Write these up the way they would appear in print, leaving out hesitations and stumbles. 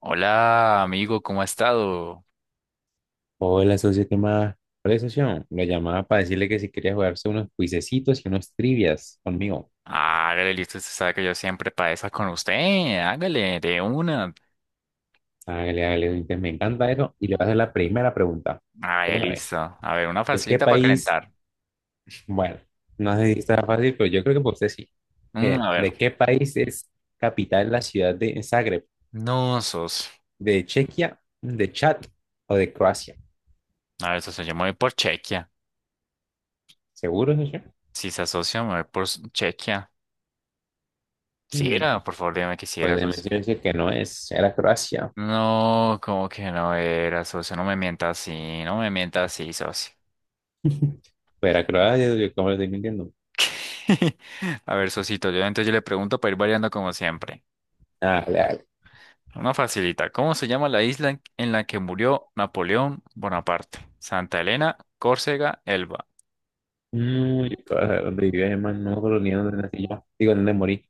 Hola, amigo, ¿cómo ha estado? Hola, socio, ¿qué más? Hola, socio. Lo llamaba para decirle que si quería jugarse unos cuisecitos y unos trivias conmigo. Hágale, listo, usted sabe que yo siempre padezco con usted. Hágale, de una. Hágale, hágale, entonces me encanta eso. Y le voy a hacer la primera pregunta. De Hágale, una vez. listo. A ver, una ¿De qué facilita para país? calentar. Bueno, no sé si está fácil, pero yo creo que por usted sí. Mire, A ver. ¿de qué país es capital la ciudad de Zagreb? No, sos. ¿De Chequia, de Chad o de Croacia? A ver, socio, yo me voy por Chequia. ¿Seguro, socio? Si se asocia, me voy por Chequia. Si Mm, era, por favor, dime que si pues era, déjeme socio. decirle que no es. Era Croacia. No, como que no era, socio. No me mienta así, no me mienta así, socio. Pero era Croacia, yo como lo estoy mintiendo. A ver, socito, yo entonces yo le pregunto para ir variando como siempre. Dale, dale. Una facilita. ¿Cómo se llama la isla en la que murió Napoleón Bonaparte? Santa Elena, Córcega, Elba. No, yo todavía donde vivía, hermano, no me acuerdo ni dónde nací yo. Digo, dónde morí.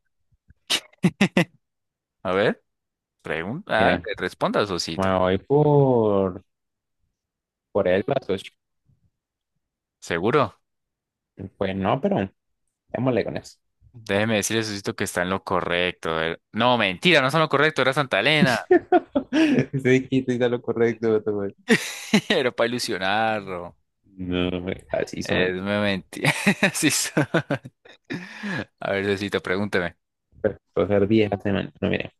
A ver, pregunta, ah, Mire, responda, Sosito. me voy por el las ocho. ¿Seguro? Pues no, pero démosle con eso. Déjeme decirle, Sosito, que está en lo correcto. A ver, no, mentira, no está en lo correcto, era Santa Elena. Ese dijiste está lo correcto, vato, güey. Era para ilusionarlo. No, hombre, así Es son. una mentira. Sí soy. A ver, Sosito, pregúnteme. Pero puedo ser 10 la semana. No, mire.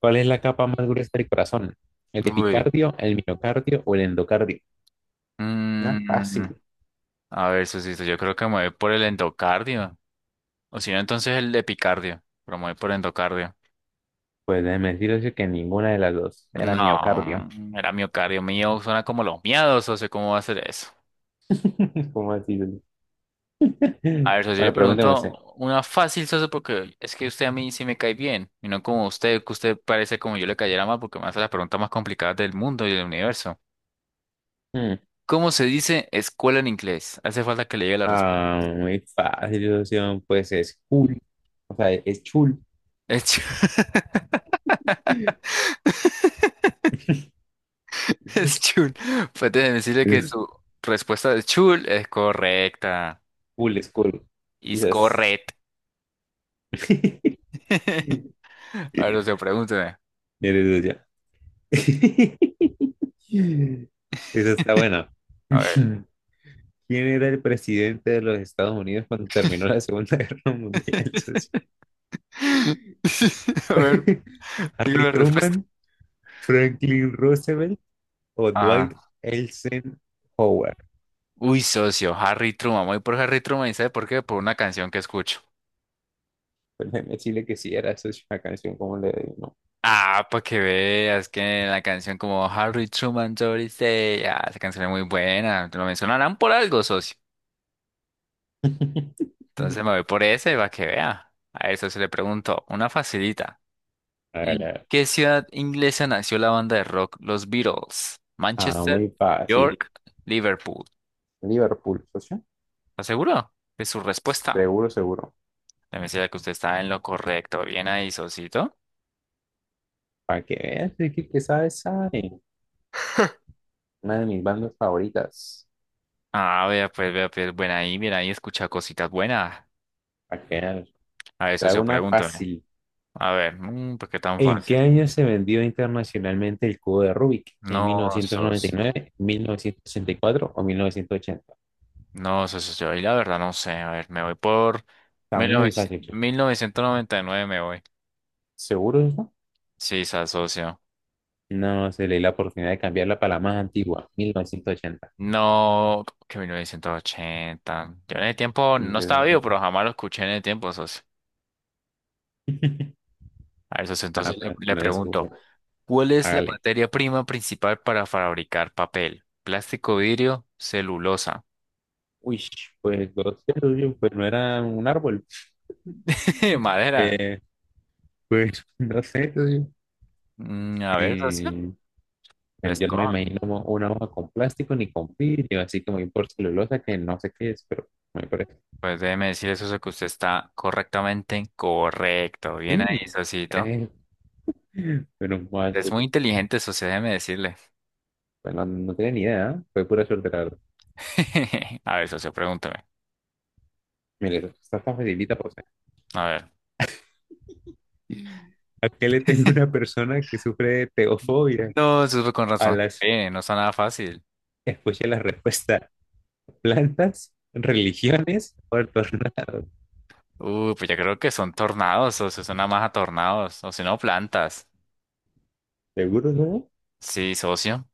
¿Cuál es la capa más gruesa del corazón? ¿El Uy. epicardio, el miocardio o el endocardio? No, Mm, fácil. a ver, Sosito, yo creo que me voy por el endocardio. O si no, entonces el epicardio. Promueve por endocardio. Pues déjeme decirles que ninguna de las dos. Era miocardio. No, era miocardio mío. Suena como los miados, socio. ¿Cómo va a ser eso? ¿Cómo así? A ver, socio, yo le Bueno, pregúnteme usted. pregunto una fácil, socio, porque es que usted a mí sí me cae bien. Y no como usted, que usted parece como yo le cayera mal, porque me hace las preguntas más complicadas del mundo y del universo. Hmm. ¿Cómo se dice escuela en inglés? Hace falta que le llegue la respuesta. Ah, muy fácil, socio. Pues es cool. O sea, es chul. Es chul. Es chul. Pues déjeme decirle que su respuesta de chul es correcta. Cool, es cool. Is Quizás. correct. A ver, socio, pregúnteme. Eres socio. Esa está buena. A ver. ¿Quién era el presidente de los Estados Unidos cuando terminó la Segunda Guerra Mundial, socio? A ver, digo ¿Harry la respuesta. Truman, Franklin Roosevelt o Dwight Ah. Eisenhower? Uy, socio, Harry Truman. Voy por Harry Truman y ¿sabe por qué? Por una canción que escucho. Pues déjeme decirle que sí era, socio, la canción, como le digo. Ah, para que veas que la canción como Harry Truman, Doris Day. Ah, esa canción es muy buena. Te lo mencionarán por algo, socio. Entonces Hágale. me voy por ese para que vea. A eso se le pregunto. Una facilita. ¿En qué ciudad inglesa nació la banda de rock Los Beatles? Ah, Manchester, muy fácil. York, Liverpool. Liverpool, socio. ¿Está seguro de su respuesta? Seguro, seguro. Déjame decirle que usted está en lo correcto. Bien ahí, socito. Para que veas, es que sabe, sabe. Una de mis bandas favoritas. Ah, vea, pues, buena ahí, bien ahí, escucha cositas buenas. Para que veas. A ver, Te hago socio, una pregúntame. fácil. A ver, ¿por qué tan ¿En fácil? qué año se vendió internacionalmente el cubo de Rubik? No, ¿En sos, 1999, 1964 o 1980? no, socio, yo ahí la verdad no sé. A ver, me voy por Está mil muy fácil, novecientos socio. mil novecientos noventa y nueve me voy. ¿Seguro eso? Sí, se socio. No, se le dio la oportunidad de cambiarla para la más antigua, 1980. No, que 1980. Yo en el tiempo Y, no estaba vivo, pero jamás lo escuché en el tiempo, socio. A ver, socio, nada, entonces le, pero le no le pregunto. escupo. ¿Cuál es la Hágale. materia prima principal para fabricar papel? Plástico, vidrio, celulosa. Uy, pues no sé, oye, pues no era un árbol. Madera. Eh, pues no sé, oye, A ver, socio, eh, pues, pues, yo no me ¿cómo? imagino una hoja con plástico ni con vidrio, así como ir por celulosa que no sé qué es, pero me parece. Pues déjeme decirle, socio, que usted está correctamente correcto. Bien Sí, ahí, socito. eh, pero bueno, Es muy inteligente, socio, déjeme decirle. no tenía ni idea, ¿eh? Fue pura suerte, la verdad. A ver, socio, pregúntame. Mire, esta está facilita, pues. A ver. ¿Eh? ¿A qué le teme una persona que sufre de teofobia? No, socio, con A razón. las, No está nada fácil. escuche la respuesta, plantas, religiones o el tornado. Pues ya creo que son tornados, socio, son nada más a tornados. O si no, plantas. ¿Seguro no? Sí, socio.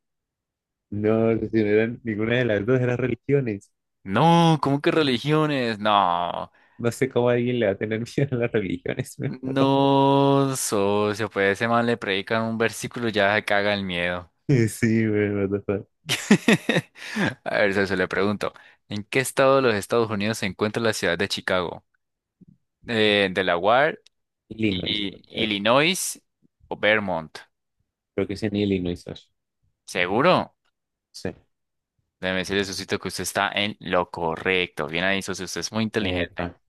No, no, si no eran ninguna de las dos, eran religiones. No, ¿cómo que religiones? No, No sé cómo alguien le va a tener miedo a las religiones. Me mató. no, socio, pues ese man le predican un versículo y ya se caga el miedo. Sí, güey, what the fuck. A ver, socio, le pregunto, ¿en qué estado de los Estados Unidos se encuentra la ciudad de Chicago? Delaware, Illinois, creo y, que es. Illinois o Vermont. Creo que es en Illinois, Sasha. ¿Seguro? Sí. Déjeme decirle, socito, que usted está en lo correcto. Bien ahí, socio, usted es muy inteligente. Epa,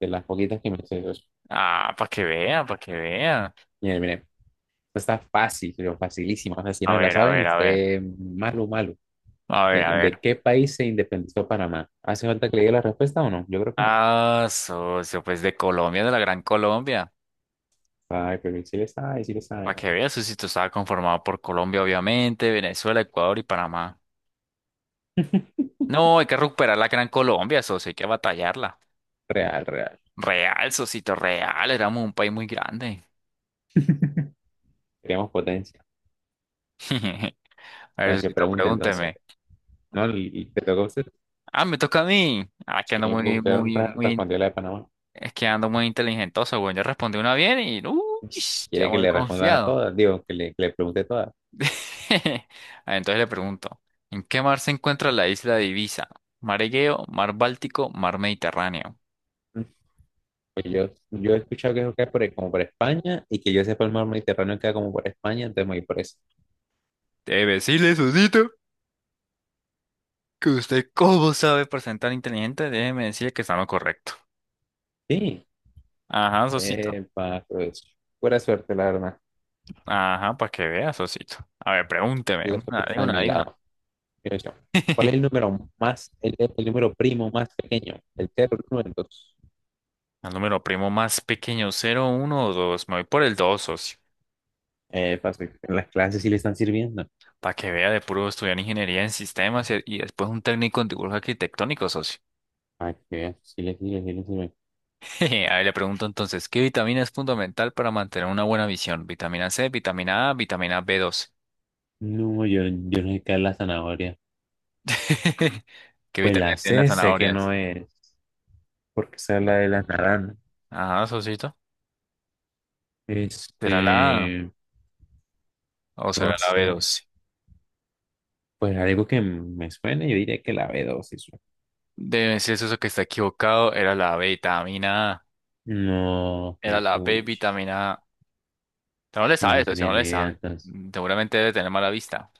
de las poquitas que me sé, Sasha. Ah, para que vea, para que vea. Mire, mire, esto está fácil, pero facilísimo. O sea, si A no la ver, a saben, ver, a ver. usted malo, malo. A ver, a ¿De ver. qué país se independizó Panamá? ¿Hace falta que le diga la respuesta o no? Yo creo que no. Ah, socio, pues de Colombia, de la Gran Colombia. Ay, pero sí le sabe, sí le Para sabe. que veas, socito, estaba conformado por Colombia, obviamente, Venezuela, Ecuador y Panamá. No, hay que recuperar la Gran Colombia, socio, hay que batallarla. Real, real. Real, socito, real, éramos un país muy grande. Queremos potencia. A ver, Ahora se socito, pregunta entonces. pregúnteme. ¿No? Y te tocó a usted. Ah, me toca a mí. Ah, que ando Y muy, usted muy, muy, respondió la de Panamá. es que ando muy inteligentoso, güey. Yo respondí una bien Pues, ya quiere que muy le responda a confiado. todas, digo, que le, pregunte todas. Ah, entonces le pregunto, ¿en qué mar se encuentra la isla de Ibiza? ¿Mar Egeo, mar Báltico, mar Mediterráneo? Mm. Pues yo he escuchado que eso queda por ahí, como por España, y que yo sepa el mar Mediterráneo queda como por España, entonces me voy por eso. Debe decirle, Sosito, que usted cómo sabe presentar inteligente, déjeme decirle que está en lo correcto. Sí, Ajá, Sosito. epa, pues, buena suerte, la verdad. Ajá, para que vea, Sosito. A ver, pregúnteme, La una, suerte de está de una, mi de una. lado. Mira yo, ¿cuál es el número más, el número primo más pequeño? El cero, el uno, el dos. El número primo más pequeño, cero, uno, o 2. Me voy por el 2, socio. Epa, sí, en las clases sí le están sirviendo. Para que vea de puro estudiar ingeniería en sistemas y después un técnico en dibujo arquitectónico, socio. Ay, qué bien, sí le sirve, sí le sirve. Jeje, a ver, le pregunto entonces, ¿qué vitamina es fundamental para mantener una buena visión? ¿Vitamina C, vitamina A, vitamina B12? No, yo no sé qué es la zanahoria. ¿Qué Pues la vitaminas tienen las sé, sé que zanahorias? no es, porque esa es la de las naranjas. Ajá, socito. ¿Será la A Este, o no será la sé. B12? Pues algo que me suene, yo diría que la B12. Debe ser eso que está equivocado. Era la B vitamina A. No, Era pues, la B puch. vitamina A. Usted no le No, sabe no eso, si tenía no ni le idea sabe. entonces. Seguramente debe tener mala vista.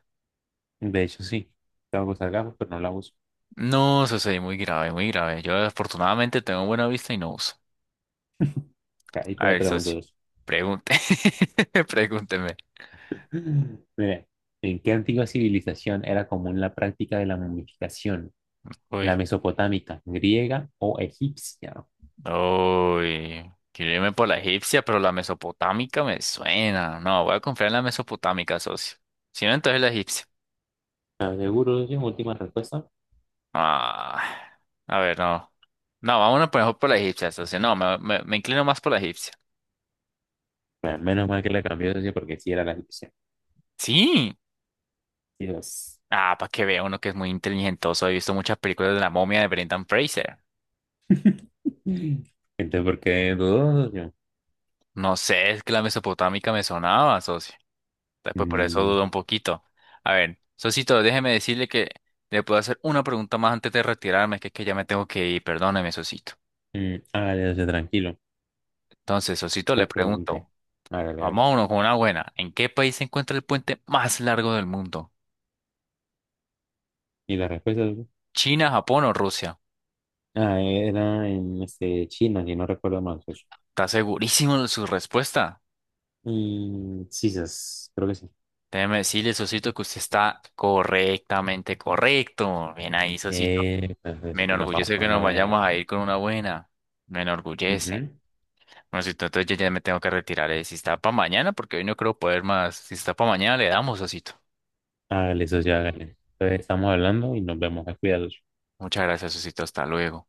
De hecho, sí. Tengo que usar gafas, pero no la uso. No, socio, y muy grave, muy grave. Yo afortunadamente tengo buena vista y no uso. Ahí te A la ver, pregunto socio, dos. pregunte. Pregúnteme. Mira, ¿en qué antigua civilización era común la práctica de la momificación? ¿La Uy. mesopotámica, griega o egipcia? Uy, quiero irme por la egipcia, pero la mesopotámica me suena. No, voy a confiar en la mesopotámica, socio. Si no, entonces la egipcia. ¿Estás seguro de su última respuesta? Ah, a ver, no. No, vámonos por mejor por la egipcia, socio. No, me inclino más por la egipcia. Bueno, menos mal que la cambió, socio, porque sí era la solución. Sí. Dios. Ah, para que vea uno que es muy inteligentoso. He visto muchas películas de la momia de Brendan Fraser. Entonces, ¿por qué dudó, socio? No sé, es que la mesopotámica me sonaba, socio. Después por eso Mm, dudo un poquito. A ver, Sosito, déjeme decirle que le puedo hacer una pregunta más antes de retirarme, que es que ya me tengo que ir, perdóneme, Sosito. Hágale, socio, tranquilo. Entonces, Sosito, le Pues pregunté. pregunto, Hágale, hágale. vámonos con una buena. ¿En qué país se encuentra el puente más largo del mundo? ¿Y la respuesta, socio? ¿China, Japón o Rusia? Ah, era en China, si no recuerdo mal, socio. ¿Está segurísimo de su respuesta? Y sí, sas, creo que sí. Déjeme decirle, Sosito, que usted está correctamente correcto. Bien ahí, Sosito. Pues, Me socio, nos vamos enorgullece con que nos una vayamos buena. a ir con una buena. Me enorgullece. Ujú. Bueno, si entonces yo ya me tengo que retirar. Si está para mañana, porque hoy no creo poder más. Si está para mañana, le damos, Osito. Hágale, socio, hágale. Entonces, estamos hablando y nos vemos. Cuidados. Muchas gracias, Osito. Hasta luego.